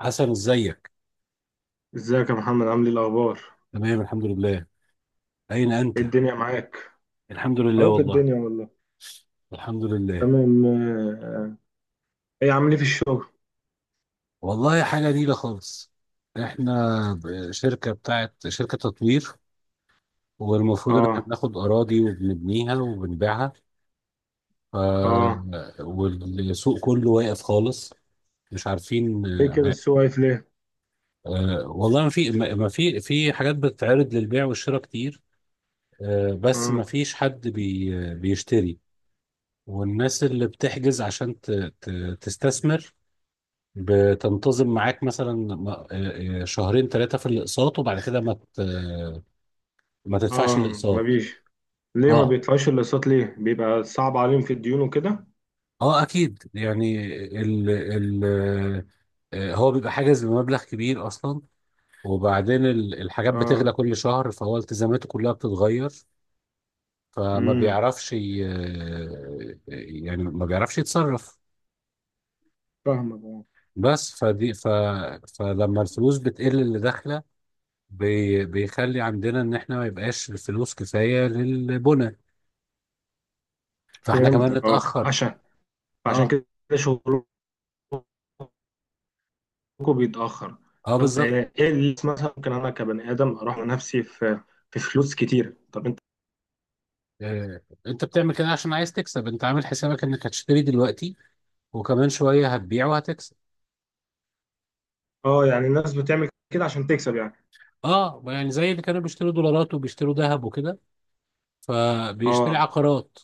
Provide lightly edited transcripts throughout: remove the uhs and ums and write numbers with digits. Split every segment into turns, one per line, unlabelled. حسن، ازيك؟
ازيك يا محمد؟ عامل ايه الاخبار؟
تمام، الحمد لله. اين
ايه
انت؟
الدنيا معاك؟
الحمد لله
اهو في
والله.
الدنيا والله.
الحمد لله.
تمام، ايه عامل ايه في الشغل؟
والله حاجه نيله خالص. احنا شركه بتاعت شركه تطوير، والمفروض ان احنا
اه.
بناخد اراضي وبنبنيها وبنبيعها. ف...
اه.
والسوق كله واقف خالص. مش عارفين.
ليه كده السوق واقف ليه؟
والله ما في حاجات بتتعرض للبيع والشراء كتير. بس ما
اه.
فيش حد بيشتري. والناس اللي بتحجز عشان ت... تستثمر بتنتظم معاك مثلا. شهرين ثلاثة في الأقساط، وبعد كده ما ما تدفعش
اه. ما
الأقساط.
بيش. ليه ما
اه،
بيدفعوش الاقساط ليه؟ بيبقى صعب عليهم في الديون وكده؟
اه اكيد يعني. ال هو بيبقى حاجز بمبلغ كبير اصلا، وبعدين الحاجات
اه.
بتغلى كل شهر، فهو التزاماته كلها بتتغير. فما
امم.
بيعرفش، يعني ما بيعرفش يتصرف.
فاهمك. اه.
بس فدي ف فلما الفلوس بتقل اللي داخله، بيخلي عندنا ان احنا ما يبقاش الفلوس كفايه للبنى. فاحنا صحيح كمان
فهمتك. اه،
نتاخر.
عشان
اه،
كده شغلكم بيتاخر.
اه
طب،
بالظبط.
ايه اللي مثلا ممكن انا كبني ادم اروح نفسي في فلوس كتير؟ طب انت؟
آه. انت بتعمل كده عشان عايز تكسب، انت عامل حسابك انك هتشتري دلوقتي وكمان شويه هتبيع وهتكسب.
اه. يعني الناس بتعمل كده عشان تكسب يعني؟
اه يعني زي اللي كانوا بيشتروا دولارات وبيشتروا ذهب وكده، فبيشتري
اه.
عقارات.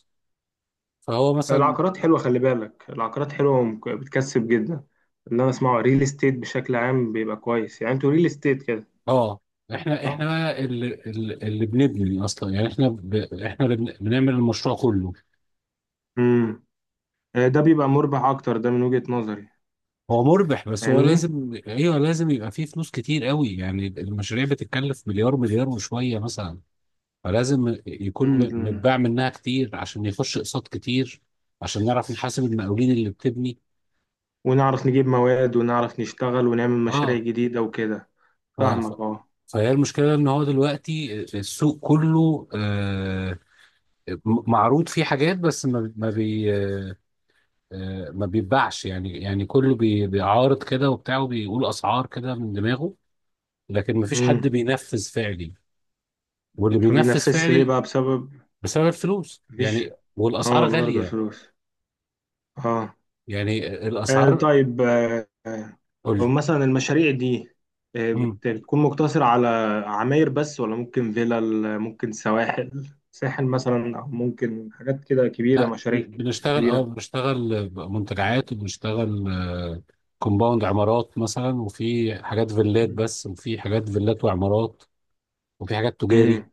فهو مثلا،
العقارات حلوه، خلي بالك العقارات حلوه، بتكسب جدا. اللي انا اسمعه ريل استيت بشكل عام بيبقى كويس، يعني انتوا ريل استيت كده؟
اه احنا
صح.
بقى اللي بنبني اصلا، يعني احنا احنا اللي بنعمل المشروع كله.
امم. ده بيبقى مربح اكتر، ده من وجهة نظري.
هو مربح بس هو
فاهمني.
لازم، ايوه لازم يبقى فيه فلوس كتير قوي، يعني المشاريع بتتكلف مليار مليار وشويه مثلا. فلازم يكون
مم.
متباع منها كتير عشان يخش اقساط كتير، عشان نعرف نحاسب المقاولين اللي بتبني.
ونعرف نجيب مواد ونعرف نشتغل ونعمل مشاريع
اه،
جديده وكده.
ف... ف...
فاهمك. اه.
فهي المشكله ان هو دلوقتي السوق كله، معروض فيه حاجات بس ما ما بي آه ما بيتباعش يعني، يعني كله بيعارض كده وبتاع، وبيقول اسعار كده من دماغه، لكن ما فيش حد
امم.
بينفذ فعلي. واللي
ما
بينفذ
بينفذش ليه
فعلي
بقى؟ بسبب.
بسبب الفلوس
مفيش.
يعني، والاسعار
اه، برضه
غاليه.
فلوس. اه.
يعني الاسعار.
طيب، هو
قول.
مثلا المشاريع دي،
مم.
بتكون مقتصرة على عماير بس، ولا ممكن فيلل، ممكن سواحل، ساحل مثلا، أو ممكن حاجات كده كبيرة
لا
مشاريع
بنشتغل، اه
كبيرة؟
بنشتغل منتجعات، وبنشتغل كومباوند عمارات مثلا، وفي حاجات فيلات بس، وفي حاجات فيلات وعمارات، وفي حاجات تجاري.
امم.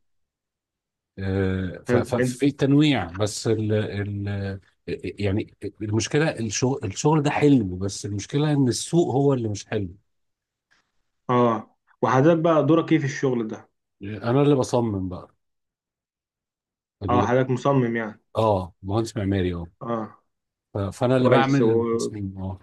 حلو انت.
ففي تنويع، بس ال يعني المشكله، الشغل، الشغل ده حلو بس المشكله ان السوق هو اللي مش حلو.
اه. وحضرتك بقى دورك ايه في الشغل ده؟
انا اللي بصمم بقى.
اه،
ال-
حضرتك مصمم يعني؟
اه مهندس معماري اه.
اه،
فانا اللي
كويس.
بعمل التصميم، اه.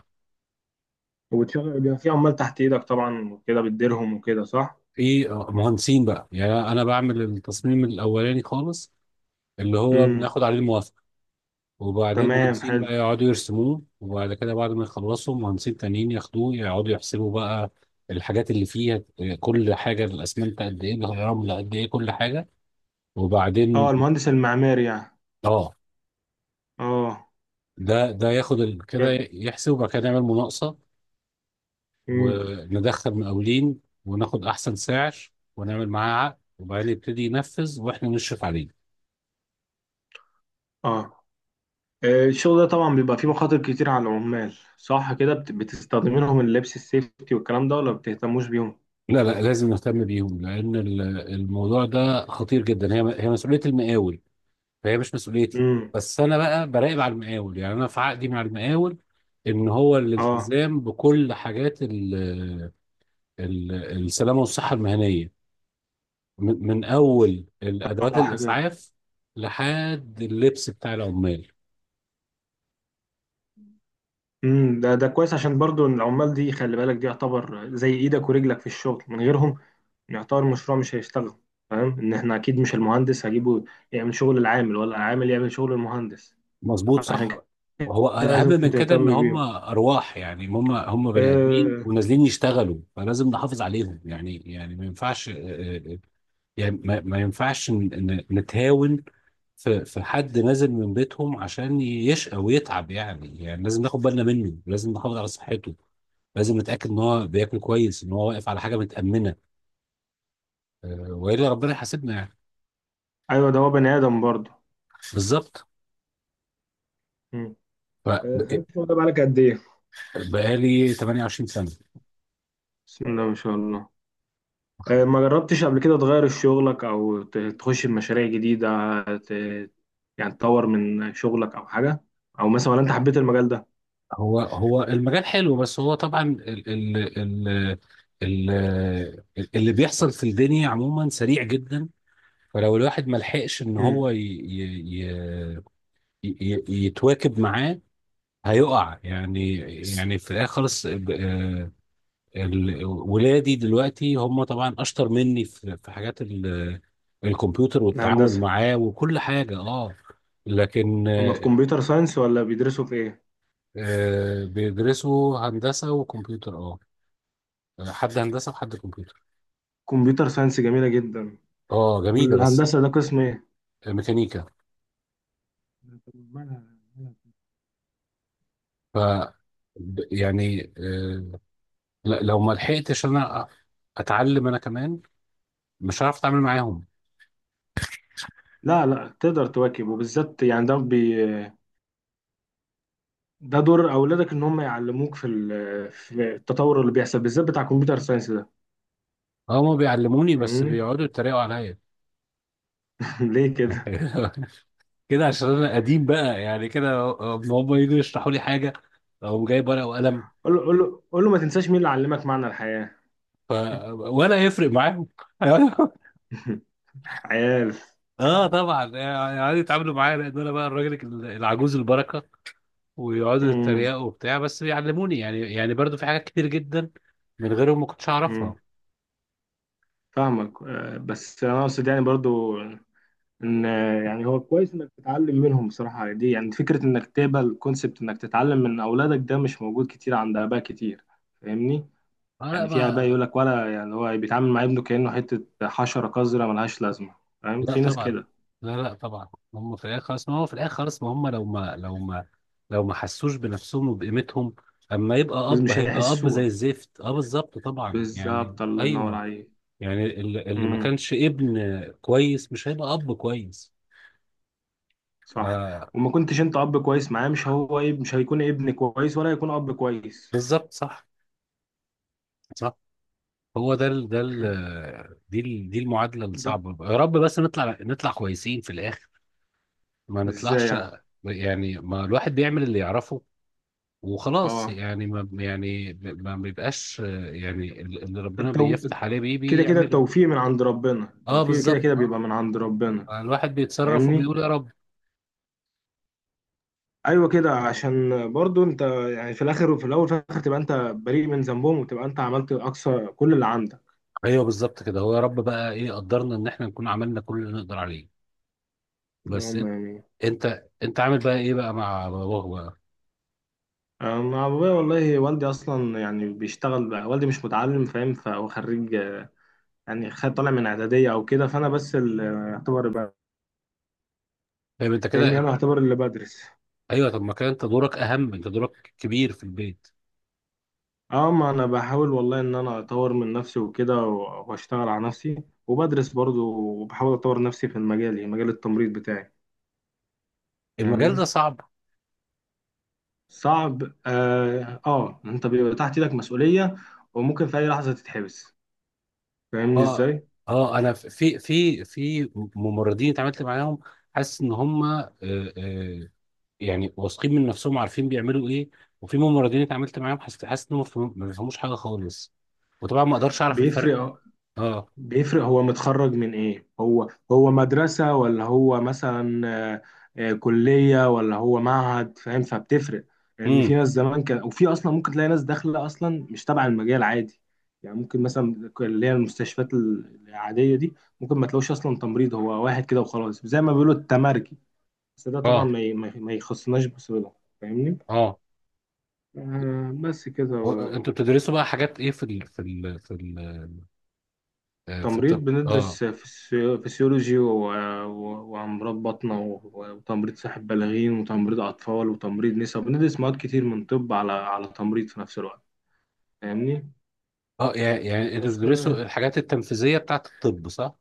وبتشغل بيبقى في عمال تحت ايدك طبعا، وكده بتديرهم وكده، صح؟
في مهندسين بقى، يعني انا بعمل التصميم الاولاني خالص، اللي هو
امم.
بناخد عليه الموافقه، وبعدين
تمام.
مهندسين
حلو.
بقى يقعدوا يرسموه، وبعد كده بعد ما يخلصوا مهندسين تانيين ياخدوه يقعدوا يحسبوا بقى الحاجات اللي فيها، كل حاجه، الاسمنت قد ايه، الرمل قد ايه، كل حاجه.
اه،
وبعدين
المهندس المعماري يعني.
اه،
اه.
ده ياخد كده يحسب، وبعد كده يعمل مناقصه
جامد.
وندخل مقاولين وناخد احسن سعر، ونعمل معاه عقد وبعدين يبتدي ينفذ واحنا نشرف عليه.
اه. الشغل ده طبعا بيبقى فيه مخاطر كتير على العمال، صح كده؟ بتستخدمين لهم اللبس السيفتي والكلام ده، ولا بتهتموش بيهم؟
لا لا لازم نهتم بيهم، لان الموضوع ده خطير جدا، هي مسؤوليه المقاول، فهي مش مسؤوليتي.
امم.
بس انا بقى براقب على المقاول، يعني انا في عقدي مع المقاول ان هو
اه.
الالتزام بكل حاجات ال السلامه والصحه المهنيه، من اول الادوات
صح كده.
الاسعاف لحد اللبس بتاع العمال.
امم. ده كويس، عشان برضو إن العمال دي، خلي بالك دي يعتبر زي ايدك ورجلك في الشغل، من غيرهم يعتبر المشروع مش هيشتغل. فاهم ان احنا اكيد مش المهندس هجيبه يعمل شغل العامل، ولا العامل يعمل شغل المهندس.
مظبوط،
عشان
صح.
كده
وهو الاهم
لازم
من كده ان
تهتم
هم
بيهم.
ارواح يعني، هم بني ادمين
آه
ونازلين يشتغلوا، فلازم نحافظ عليهم يعني، يعني ما ينفعش. آه، يعني ما ينفعش نتهاون في في حد نازل من بيتهم عشان يشقى ويتعب يعني، يعني لازم ناخد بالنا منه، لازم نحافظ على صحته، لازم نتاكد ان هو بياكل كويس، ان هو واقف على حاجه متامنه، والا ربنا يحاسبنا يعني.
ايوه، ده هو بني ادم برضه.
بالظبط.
امم. الشغل ده بقالك قد ايه؟
فبقالي 28 سنه.
بسم الله ما شاء الله. ما جربتش قبل كده تغير شغلك او تخش بمشاريع جديدة؟ ت... يعني تطور من شغلك او حاجة، او مثلا، ولا انت حبيت المجال ده؟
هو المجال حلو بس هو طبعا ال ال ال اللي بيحصل في الدنيا عموما سريع جدا، فلو الواحد ما لحقش ان
امم.
هو ي ي ي ي يتواكب معاه هيقع يعني. يعني في الاخر خالص، ولادي دلوقتي هم طبعا اشطر مني في في حاجات الكمبيوتر والتعامل
الهندسة.
معاه وكل حاجة، اه. لكن
هما في كمبيوتر ساينس ولا بيدرسوا في ايه؟
بيدرسوا هندسة وكمبيوتر، اه. حد هندسه وحد كمبيوتر.
كمبيوتر ساينس جميلة جدا.
اه جميله بس،
والهندسة ده قسم ايه؟
ميكانيكا. ف يعني لو ما لحقتش انا، اتعلم انا كمان مش هعرف اتعامل معاهم.
لا لا، تقدر تواكب، وبالذات يعني ده بي، ده دور اولادك ان هم يعلموك في في التطور اللي بيحصل، بالذات بتاع كمبيوتر ساينس ده.
هما بيعلموني بس
فاهمني.
بيقعدوا يتريقوا عليا
ليه كده؟
كده عشان انا قديم بقى، يعني كده هم يجوا يشرحوا لي حاجه او جايب ورقه وقلم.
قول له قول له قول له ما تنساش مين اللي علمك معنى الحياة.
ف... ولا يفرق معاهم.
عيال.
اه طبعا يعني يتعاملوا معايا لان انا بقى الراجل العجوز البركه، ويقعدوا
امم.
يتريقوا وبتاع بس بيعلموني يعني، يعني برضو في حاجات كتير جدا من غيرهم ما كنتش اعرفها.
امم. فاهمك. بس انا اقصد يعني برضو ان، يعني هو كويس انك تتعلم منهم بصراحة. دي يعني فكرة انك تقبل كونسبت انك تتعلم من اولادك، ده مش موجود كتير عند اباء كتير. فاهمني.
آه لا
يعني في اباء
ما،
يقول لك، ولا يعني هو بيتعامل مع ابنه كأنه حتة حشرة قذرة ملهاش لازمة. فاهم،
لا
في ناس
طبعا.
كده.
لا لا طبعا، هم في الاخر خلاص. ما هو في الاخر خلاص، ما هم لو ما حسوش بنفسهم وبقيمتهم اما يبقى
بس
اب،
مش
هيبقى اب زي
هيحسوها.
الزفت، اه بالظبط طبعا يعني
بالظبط، الله ينور
ايوه.
عليك.
يعني اللي ما كانش ابن كويس مش هيبقى اب كويس.
صح.
ف-
وما كنتش انت اب كويس معاه، مش هو ايه، مش هيكون ابن كويس ولا هيكون اب كويس.
بالظبط صح. صح. هو ده ال دي المعادله
ده.
الصعبه، يا رب بس نطلع، نطلع كويسين في الاخر، ما
ازاي
نطلعش.
يعني؟
يعني ما الواحد بيعمل اللي يعرفه وخلاص
اه.
يعني، ما يعني ما بيبقاش، يعني اللي ربنا
التو...
بيفتح عليه بيه
كده كده
بيعمله.
التوفيق من عند ربنا،
اه
التوفيق كده
بالظبط،
كده بيبقى من
اه.
عند ربنا.
الواحد بيتصرف
فاهمني.
وبيقول يا رب.
ايوه كده، عشان برضو انت يعني في الاخر وفي الاول وفي الاخر تبقى انت بريء من ذنبهم، وتبقى انت عملت اقصى كل اللي عندك.
ايوه بالظبط كده، هو يا رب بقى، ايه قدرنا ان احنا نكون عملنا كل اللي نقدر عليه.
اللي
بس
هم
انت،
يعني.
انت عامل بقى ايه بقى مع باباك بقى؟
انا ابويا، والله والدي اصلا يعني بيشتغل بقى، والدي مش متعلم، فاهم؟ فهو خريج يعني، خد طالع من اعداديه او كده، فانا بس اللي اعتبر
فاهم انت
فاهمني،
كده.
انا اعتبر اللي بدرس.
ايوه، طب ما كان انت دورك اهم، انت دورك كبير في البيت.
اه، ما انا بحاول والله ان انا اطور من نفسي وكده واشتغل على نفسي وبدرس برضو، وبحاول اطور نفسي في المجال يعني مجال التمريض بتاعي.
المجال ده
فاهمني.
صعب.
صعب اه، آه، انت بيبقى تحت ايدك مسؤوليه، وممكن في اي لحظه تتحبس. فاهمني؟
اه،
ازاي؟
اه انا، في ممرضين اتعاملت معاهم حاسس ان هم آه، يعني واثقين من نفسهم عارفين بيعملوا ايه، وفي ممرضين اتعاملت معاهم حاسس، انهم ما بيفهموش حاجه خالص، وطبعا ما اقدرش اعرف الفرق.
بيفرق.
اه.
بيفرق، هو متخرج من ايه؟ هو مدرسة، ولا هو مثلا، آه، كلية، ولا هو معهد؟ فاهم؟ فبتفرق. لان يعني
امم.
في ناس زمان كان، وفي اصلا ممكن تلاقي ناس داخلة اصلا مش تبع المجال عادي. يعني ممكن مثلا اللي هي المستشفيات العادية دي، ممكن ما تلاقوش اصلا تمريض، هو واحد كده وخلاص زي ما بيقولوا التمرجي. بس ده طبعا
اه.
ما يخصناش بصلة. فاهمني.
اه.
بس كده.
انتوا بتدرسوا بقى حاجات ايه في ال في ال في ال في
تمريض
الطب، اه.
بندرس فسيولوجي وأمراض بطنة وتمريض ساحب بالغين، وتمريض أطفال، وتمريض نساء. بندرس مواد كتير من طب، على تمريض في نفس الوقت. فاهمني؟
اه يعني، يعني انتوا
بس.
بتدرسوا الحاجات التنفيذيه بتاعت الطب صح.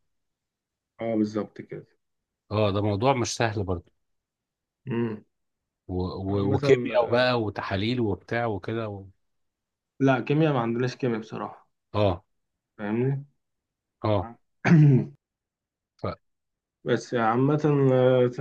اه بالظبط كده.
اه ده موضوع مش سهل برضه.
امم.
وكيمياء
مثلا.
بقى، وتحاليل وبتاع وكده
لا، كيمياء ما عندناش كيمياء بصراحة.
اه.
فاهمني؟
اه فان
بس عامة،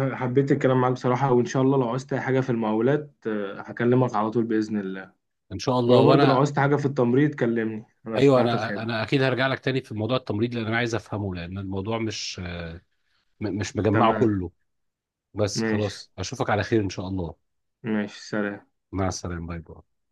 حبيت الكلام معاك بصراحة، وإن شاء الله لو عوزت أي حاجة في المقاولات هكلمك على طول بإذن الله.
شاء الله،
ولو برضه لو
وانا.
عوزت حاجة في التمريض كلمني، أنا
ايوه،
تحت
انا
الخدمة.
اكيد هرجع لك تاني في موضوع التمريض، لان انا عايز افهمه، لان الموضوع مش مش مجمعه
تمام.
كله. بس
ماشي.
خلاص، اشوفك على خير ان شاء الله.
ماشي، سلام.
مع السلامه، باي باي.